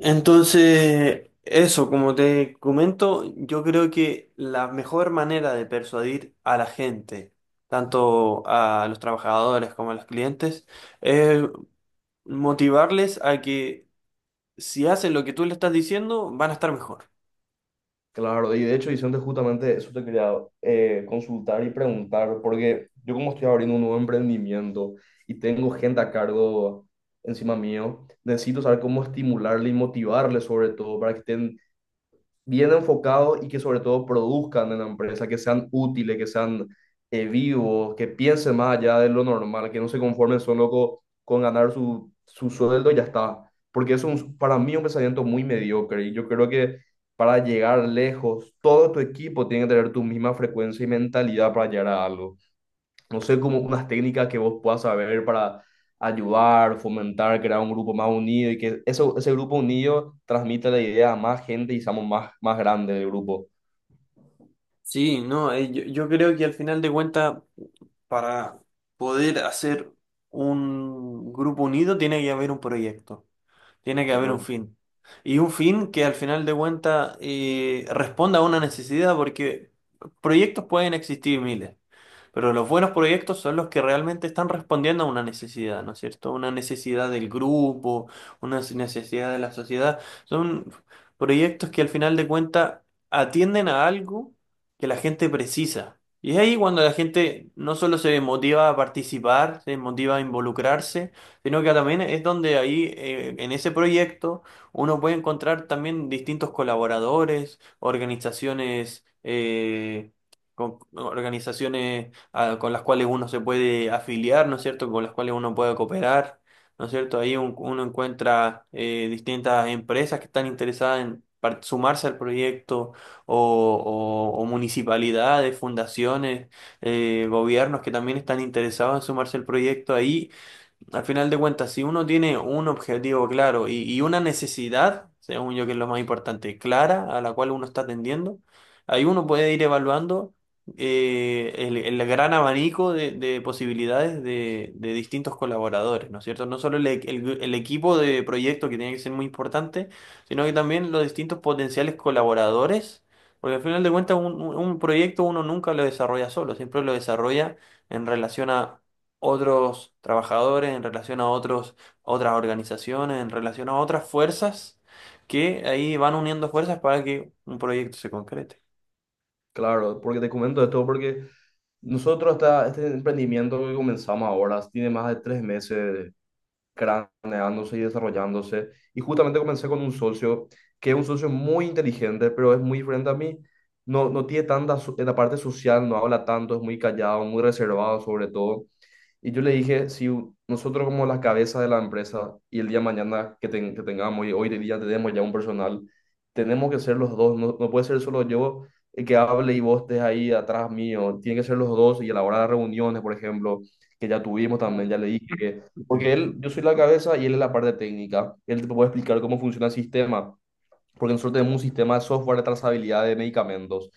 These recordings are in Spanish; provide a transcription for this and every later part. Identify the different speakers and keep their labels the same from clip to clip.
Speaker 1: Entonces, eso, como te comento, yo creo que la mejor manera de persuadir a la gente, tanto a los trabajadores como a los clientes, es motivarles a que si hacen lo que tú le estás diciendo, van a estar mejor.
Speaker 2: Claro, y de hecho, Vicente, justamente eso te quería consultar y preguntar, porque yo, como estoy abriendo un nuevo emprendimiento y tengo gente a cargo encima mío, necesito saber cómo estimularle y motivarle, sobre todo para que estén bien enfocados y que sobre todo produzcan en la empresa, que sean útiles, que sean vivos, que piensen más allá de lo normal, que no se conformen solo con ganar su sueldo y ya está. Porque eso es para mí un pensamiento muy mediocre, y yo creo que para llegar lejos, todo tu equipo tiene que tener tu misma frecuencia y mentalidad para llegar a algo. No sé, como unas técnicas que vos puedas saber para ayudar, fomentar, crear un grupo más unido, y que eso, ese grupo unido transmita la idea a más gente y seamos más, más grande el grupo.
Speaker 1: Sí, no, yo creo que al final de cuentas, para poder hacer un grupo unido, tiene que haber un proyecto. Tiene que haber
Speaker 2: ¿Verdad?
Speaker 1: un fin. Y un fin que al final de cuentas responda a una necesidad, porque proyectos pueden existir miles. Pero los buenos proyectos son los que realmente están respondiendo a una necesidad, ¿no es cierto? Una necesidad del grupo, una necesidad de la sociedad. Son proyectos que al final de cuentas atienden a algo que la gente precisa. Y es ahí cuando la gente no solo se motiva a participar, se motiva a involucrarse, sino que también es donde ahí, en ese proyecto, uno puede encontrar también distintos colaboradores, organizaciones, organizaciones con las cuales uno se puede afiliar, ¿no es cierto? Con las cuales uno puede cooperar, ¿no es cierto? Ahí uno encuentra distintas empresas que están interesadas en sumarse al proyecto o, o municipalidades, fundaciones, gobiernos que también están interesados en sumarse al proyecto ahí al final de cuentas, si uno tiene un objetivo claro y una necesidad, según yo que es lo más importante, clara, a la cual uno está atendiendo, ahí uno puede ir evaluando el gran abanico de posibilidades de distintos colaboradores, ¿no es cierto? No solo el el equipo de proyecto que tiene que ser muy importante, sino que también los distintos potenciales colaboradores, porque al final de cuentas un proyecto uno nunca lo desarrolla solo, siempre lo desarrolla en relación a otros trabajadores, en relación a otros, a otras organizaciones, en relación a otras fuerzas que ahí van uniendo fuerzas para que un proyecto se concrete.
Speaker 2: Claro, porque te comento esto, porque nosotros, este emprendimiento que comenzamos ahora tiene más de tres meses craneándose y desarrollándose. Y justamente comencé con un socio que es un socio muy inteligente, pero es muy diferente a mí. No, no tiene tanta en la parte social, no habla tanto, es muy callado, muy reservado sobre todo. Y yo le dije, si nosotros, como la cabeza de la empresa, y el día de mañana que, que tengamos, y hoy de día tenemos ya un personal, tenemos que ser los dos, no, no puede ser solo yo el que hable y vos estés ahí atrás mío, tiene que ser los dos. Y a la hora de reuniones, por ejemplo, que ya tuvimos también,
Speaker 1: Claro,
Speaker 2: ya le dije que, porque él, yo soy la cabeza y él es la parte técnica, él te puede explicar cómo funciona el sistema, porque nosotros tenemos un sistema de software de trazabilidad de medicamentos.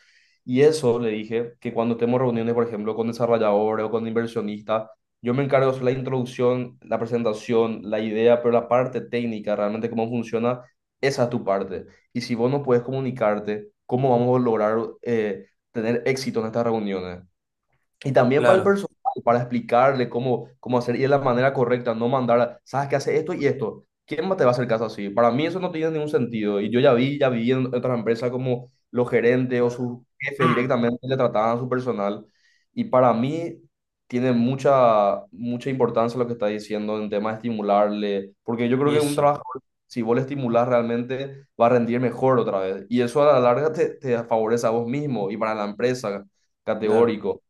Speaker 2: Y eso le dije, que cuando tenemos reuniones, por ejemplo, con desarrolladores o con inversionistas, yo me encargo de hacer la introducción, la presentación, la idea, pero la parte técnica, realmente cómo funciona, esa es tu parte. Y si vos no puedes comunicarte, ¿cómo vamos a lograr tener éxito en estas reuniones? Y también para el
Speaker 1: claro,
Speaker 2: personal, para explicarle cómo, cómo hacer, y de la manera correcta, no mandar, sabes que hace esto y esto. ¿Quién más te va a hacer caso así? Para mí eso no tiene ningún sentido. Y yo ya vi en otras empresas como los gerentes o
Speaker 1: claro.
Speaker 2: sus jefes directamente le trataban a su personal. Y para mí tiene mucha, mucha importancia lo que está diciendo en tema de estimularle, porque yo creo
Speaker 1: Y
Speaker 2: que un
Speaker 1: eso,
Speaker 2: trabajador, si vos le estimulas realmente, va a rendir mejor otra vez. Y eso a la larga te, te favorece a vos mismo y para la empresa,
Speaker 1: claro.
Speaker 2: categórico.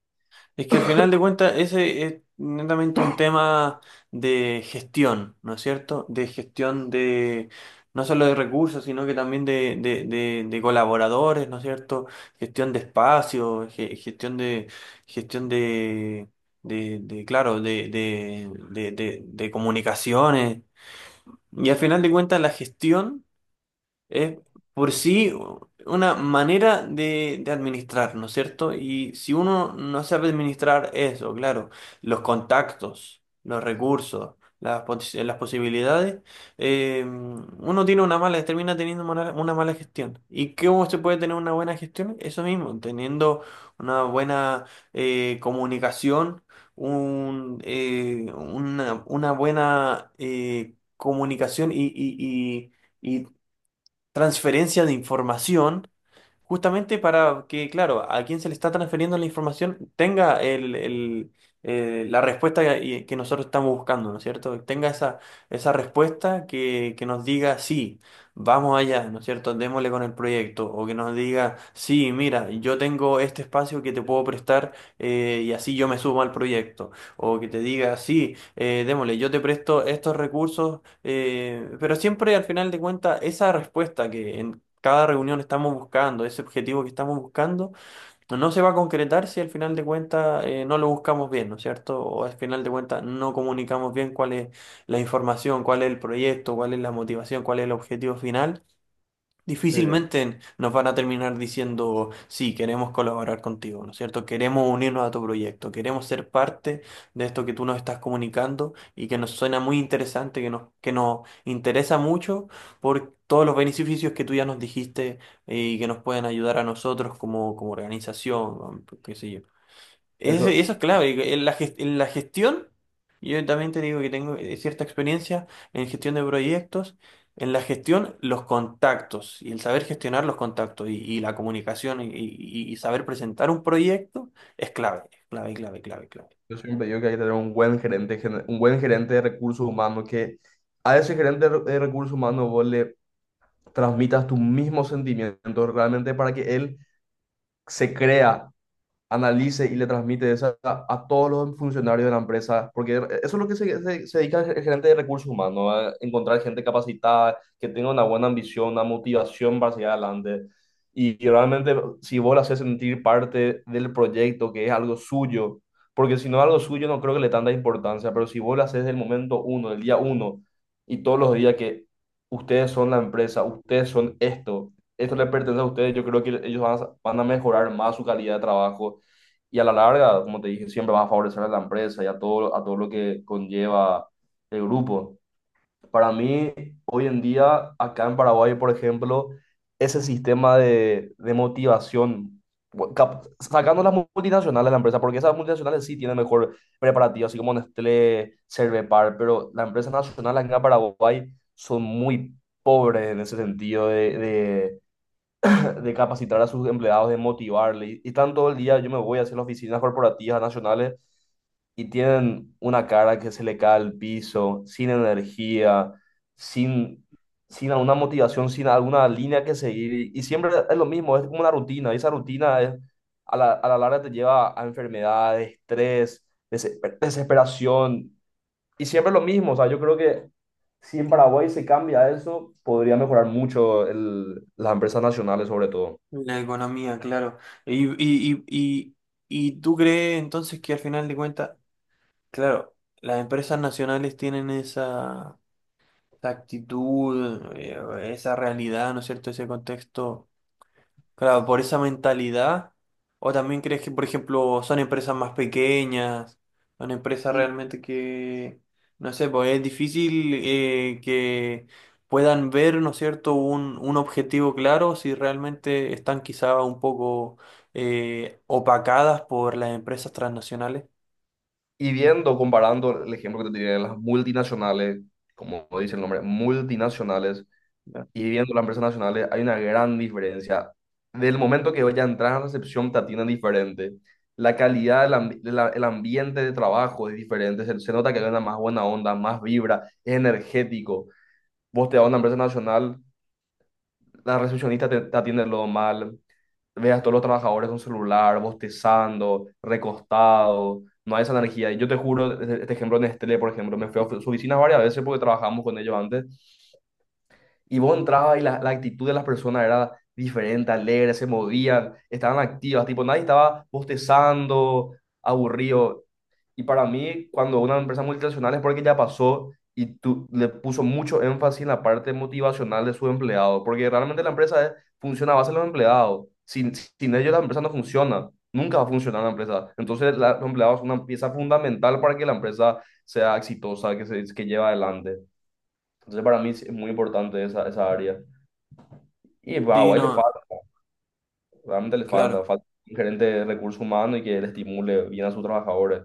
Speaker 1: Es que al final de cuentas ese es netamente un tema de gestión, ¿no es cierto? De gestión de no solo de recursos, sino que también de, de colaboradores, ¿no es cierto? Gestión de espacio, gestión de gestión de, claro, de, de comunicaciones. Y al final de cuentas la gestión es por sí una manera de administrar, ¿no es cierto? Y si uno no sabe administrar eso, claro, los contactos, los recursos, las, las posibilidades, uno tiene una mala, termina teniendo una mala gestión. ¿Y cómo se puede tener una buena gestión? Eso mismo, teniendo una buena comunicación, una buena comunicación y transferencia de información justamente para que, claro, a quien se le está transfiriendo la información tenga la respuesta que nosotros estamos buscando, ¿no es cierto? Tenga esa, esa respuesta que nos diga, sí, vamos allá, ¿no es cierto? Démosle con el proyecto. O que nos diga, sí, mira, yo tengo este espacio que te puedo prestar, y así yo me sumo al proyecto. O que te diga, sí, démosle, yo te presto estos recursos. Pero siempre al final de cuentas, esa respuesta que, cada reunión estamos buscando, ese objetivo que estamos buscando, no se va a concretar si al final de cuentas no lo buscamos bien, ¿no es cierto? O al final de cuentas no comunicamos bien cuál es la información, cuál es el proyecto, cuál es la motivación, cuál es el objetivo final.
Speaker 2: Sí,
Speaker 1: Difícilmente nos van a terminar diciendo, sí, queremos colaborar contigo, ¿no es cierto? Queremos unirnos a tu proyecto, queremos ser parte de esto que tú nos estás comunicando y que nos suena muy interesante, que nos interesa mucho por todos los beneficios que tú ya nos dijiste, y que nos pueden ayudar a nosotros como, como organización, o qué sé yo. Eso,
Speaker 2: eso,
Speaker 1: eso es clave. En la, en la gestión, yo también te digo que tengo cierta experiencia en gestión de proyectos. En la gestión, los contactos y el saber gestionar los contactos y la comunicación y saber presentar un proyecto es clave, clave, clave, clave.
Speaker 2: yo siempre digo que hay que tener un buen gerente, un buen gerente de recursos humanos, que a ese gerente de de recursos humanos vos le transmitas tus mismos sentimientos realmente, para que él se crea, analice y le transmite esa a todos los funcionarios de la empresa, porque eso es lo que se, se dedica el gerente de recursos humanos, ¿no?, a encontrar gente capacitada, que tenga una buena ambición, una motivación para seguir adelante. Y realmente, si vos le haces sentir parte del proyecto, que es algo suyo, porque si no es algo suyo, no creo que le tanta importancia, pero si vos le haces del momento uno, del día uno, y todos los días, que ustedes son la empresa, ustedes son esto, esto le pertenece a ustedes, yo creo que ellos van a, van a mejorar más su calidad de trabajo, y a la larga, como te dije, siempre vas a favorecer a la empresa y a todo lo que conlleva el grupo. Para mí, hoy en día, acá en Paraguay, por ejemplo, ese sistema de motivación, sacando las multinacionales de la empresa, porque esas multinacionales sí tienen mejor preparativo, así como Nestlé, Cervepar, pero las empresas nacionales acá en Paraguay son muy pobres en ese sentido de capacitar a sus empleados, de motivarle. Y están todo el día, yo me voy hacia las oficinas corporativas nacionales y tienen una cara que se le cae al piso, sin energía, sin, sin alguna motivación, sin alguna línea que seguir. Y siempre es lo mismo, es como una rutina. Y esa rutina es, a la larga te lleva a enfermedades, estrés, desesperación. Y siempre es lo mismo. O sea, yo creo que si en Paraguay se cambia eso, podría mejorar mucho las empresas nacionales sobre todo.
Speaker 1: La economía, claro. Y, y, y, y, y tú crees entonces que al final de cuentas, claro, las empresas nacionales tienen esa, esa actitud, esa realidad, ¿no es cierto? Ese contexto. Claro, por esa mentalidad. O también crees que, por ejemplo, son empresas más pequeñas, son empresas
Speaker 2: Y,
Speaker 1: realmente que, no sé, pues es difícil que puedan ver, ¿no es cierto?, un objetivo claro si realmente están quizá un poco opacadas por las empresas transnacionales.
Speaker 2: y viendo, comparando el ejemplo que te tiré de las multinacionales, como dice el nombre, multinacionales,
Speaker 1: Ya.
Speaker 2: y viendo las empresas nacionales, hay una gran diferencia. Del momento que vaya a entrar a recepción, te atienden diferente. La calidad, del el ambiente de trabajo es diferente. Se nota que hay una más buena onda, más vibra, es energético. Vos te vas a una empresa nacional, la recepcionista te, te atiende lo mal, veas a todos los trabajadores con celular, bostezando, recostado, no hay esa energía. Y yo te juro, este este ejemplo de Nestlé, por ejemplo, me fui a su oficina varias veces porque trabajamos con ellos antes, y vos entrabas y la actitud de las personas era diferente, alegre, se movían, estaban activas, tipo, nadie estaba bostezando, aburrido. Y para mí, cuando una empresa multinacional es porque ya pasó y tú le puso mucho énfasis en la parte motivacional de su empleado, porque realmente la empresa funciona a base de los empleados. Sin, sin ellos la empresa no funciona, nunca va a funcionar la empresa. Entonces los empleados son una pieza fundamental para que la empresa sea exitosa, que se que lleve adelante. Entonces para mí es muy importante esa, esa área. Y a
Speaker 1: Sí,
Speaker 2: Paraguay le
Speaker 1: no,
Speaker 2: falta, realmente le falta,
Speaker 1: claro,
Speaker 2: falta un gerente de recursos humanos y que le estimule bien a sus trabajadores.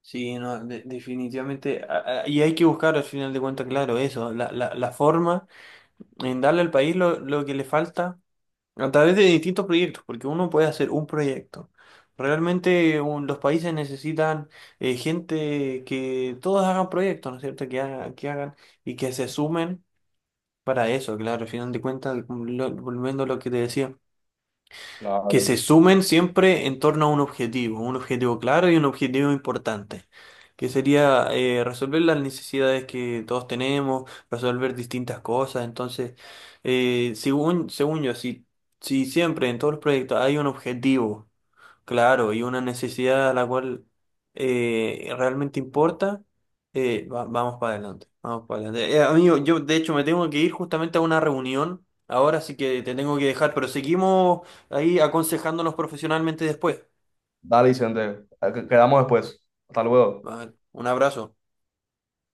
Speaker 1: sí, no, definitivamente. Y hay que buscar al final de cuentas, claro, eso, la, la forma en darle al país lo que le falta, a través de distintos proyectos, porque uno puede hacer un proyecto. Realmente los países necesitan gente que todos hagan proyectos, ¿no es cierto? Que, que hagan y que se sumen para eso, claro, al final de cuentas, volviendo a lo que te decía, que
Speaker 2: Claro.
Speaker 1: se sumen siempre en torno a un objetivo claro y un objetivo importante, que sería resolver las necesidades que todos tenemos, resolver distintas cosas. Entonces, según, según yo, si siempre en todos los proyectos hay un objetivo, claro, y una necesidad a la cual realmente importa, vamos para adelante, vamos para adelante. Amigo, yo de hecho me tengo que ir justamente a una reunión ahora, así que te tengo que dejar, pero seguimos ahí aconsejándonos profesionalmente después.
Speaker 2: Dale, Vicente. Quedamos después. Hasta luego.
Speaker 1: Vale, un abrazo.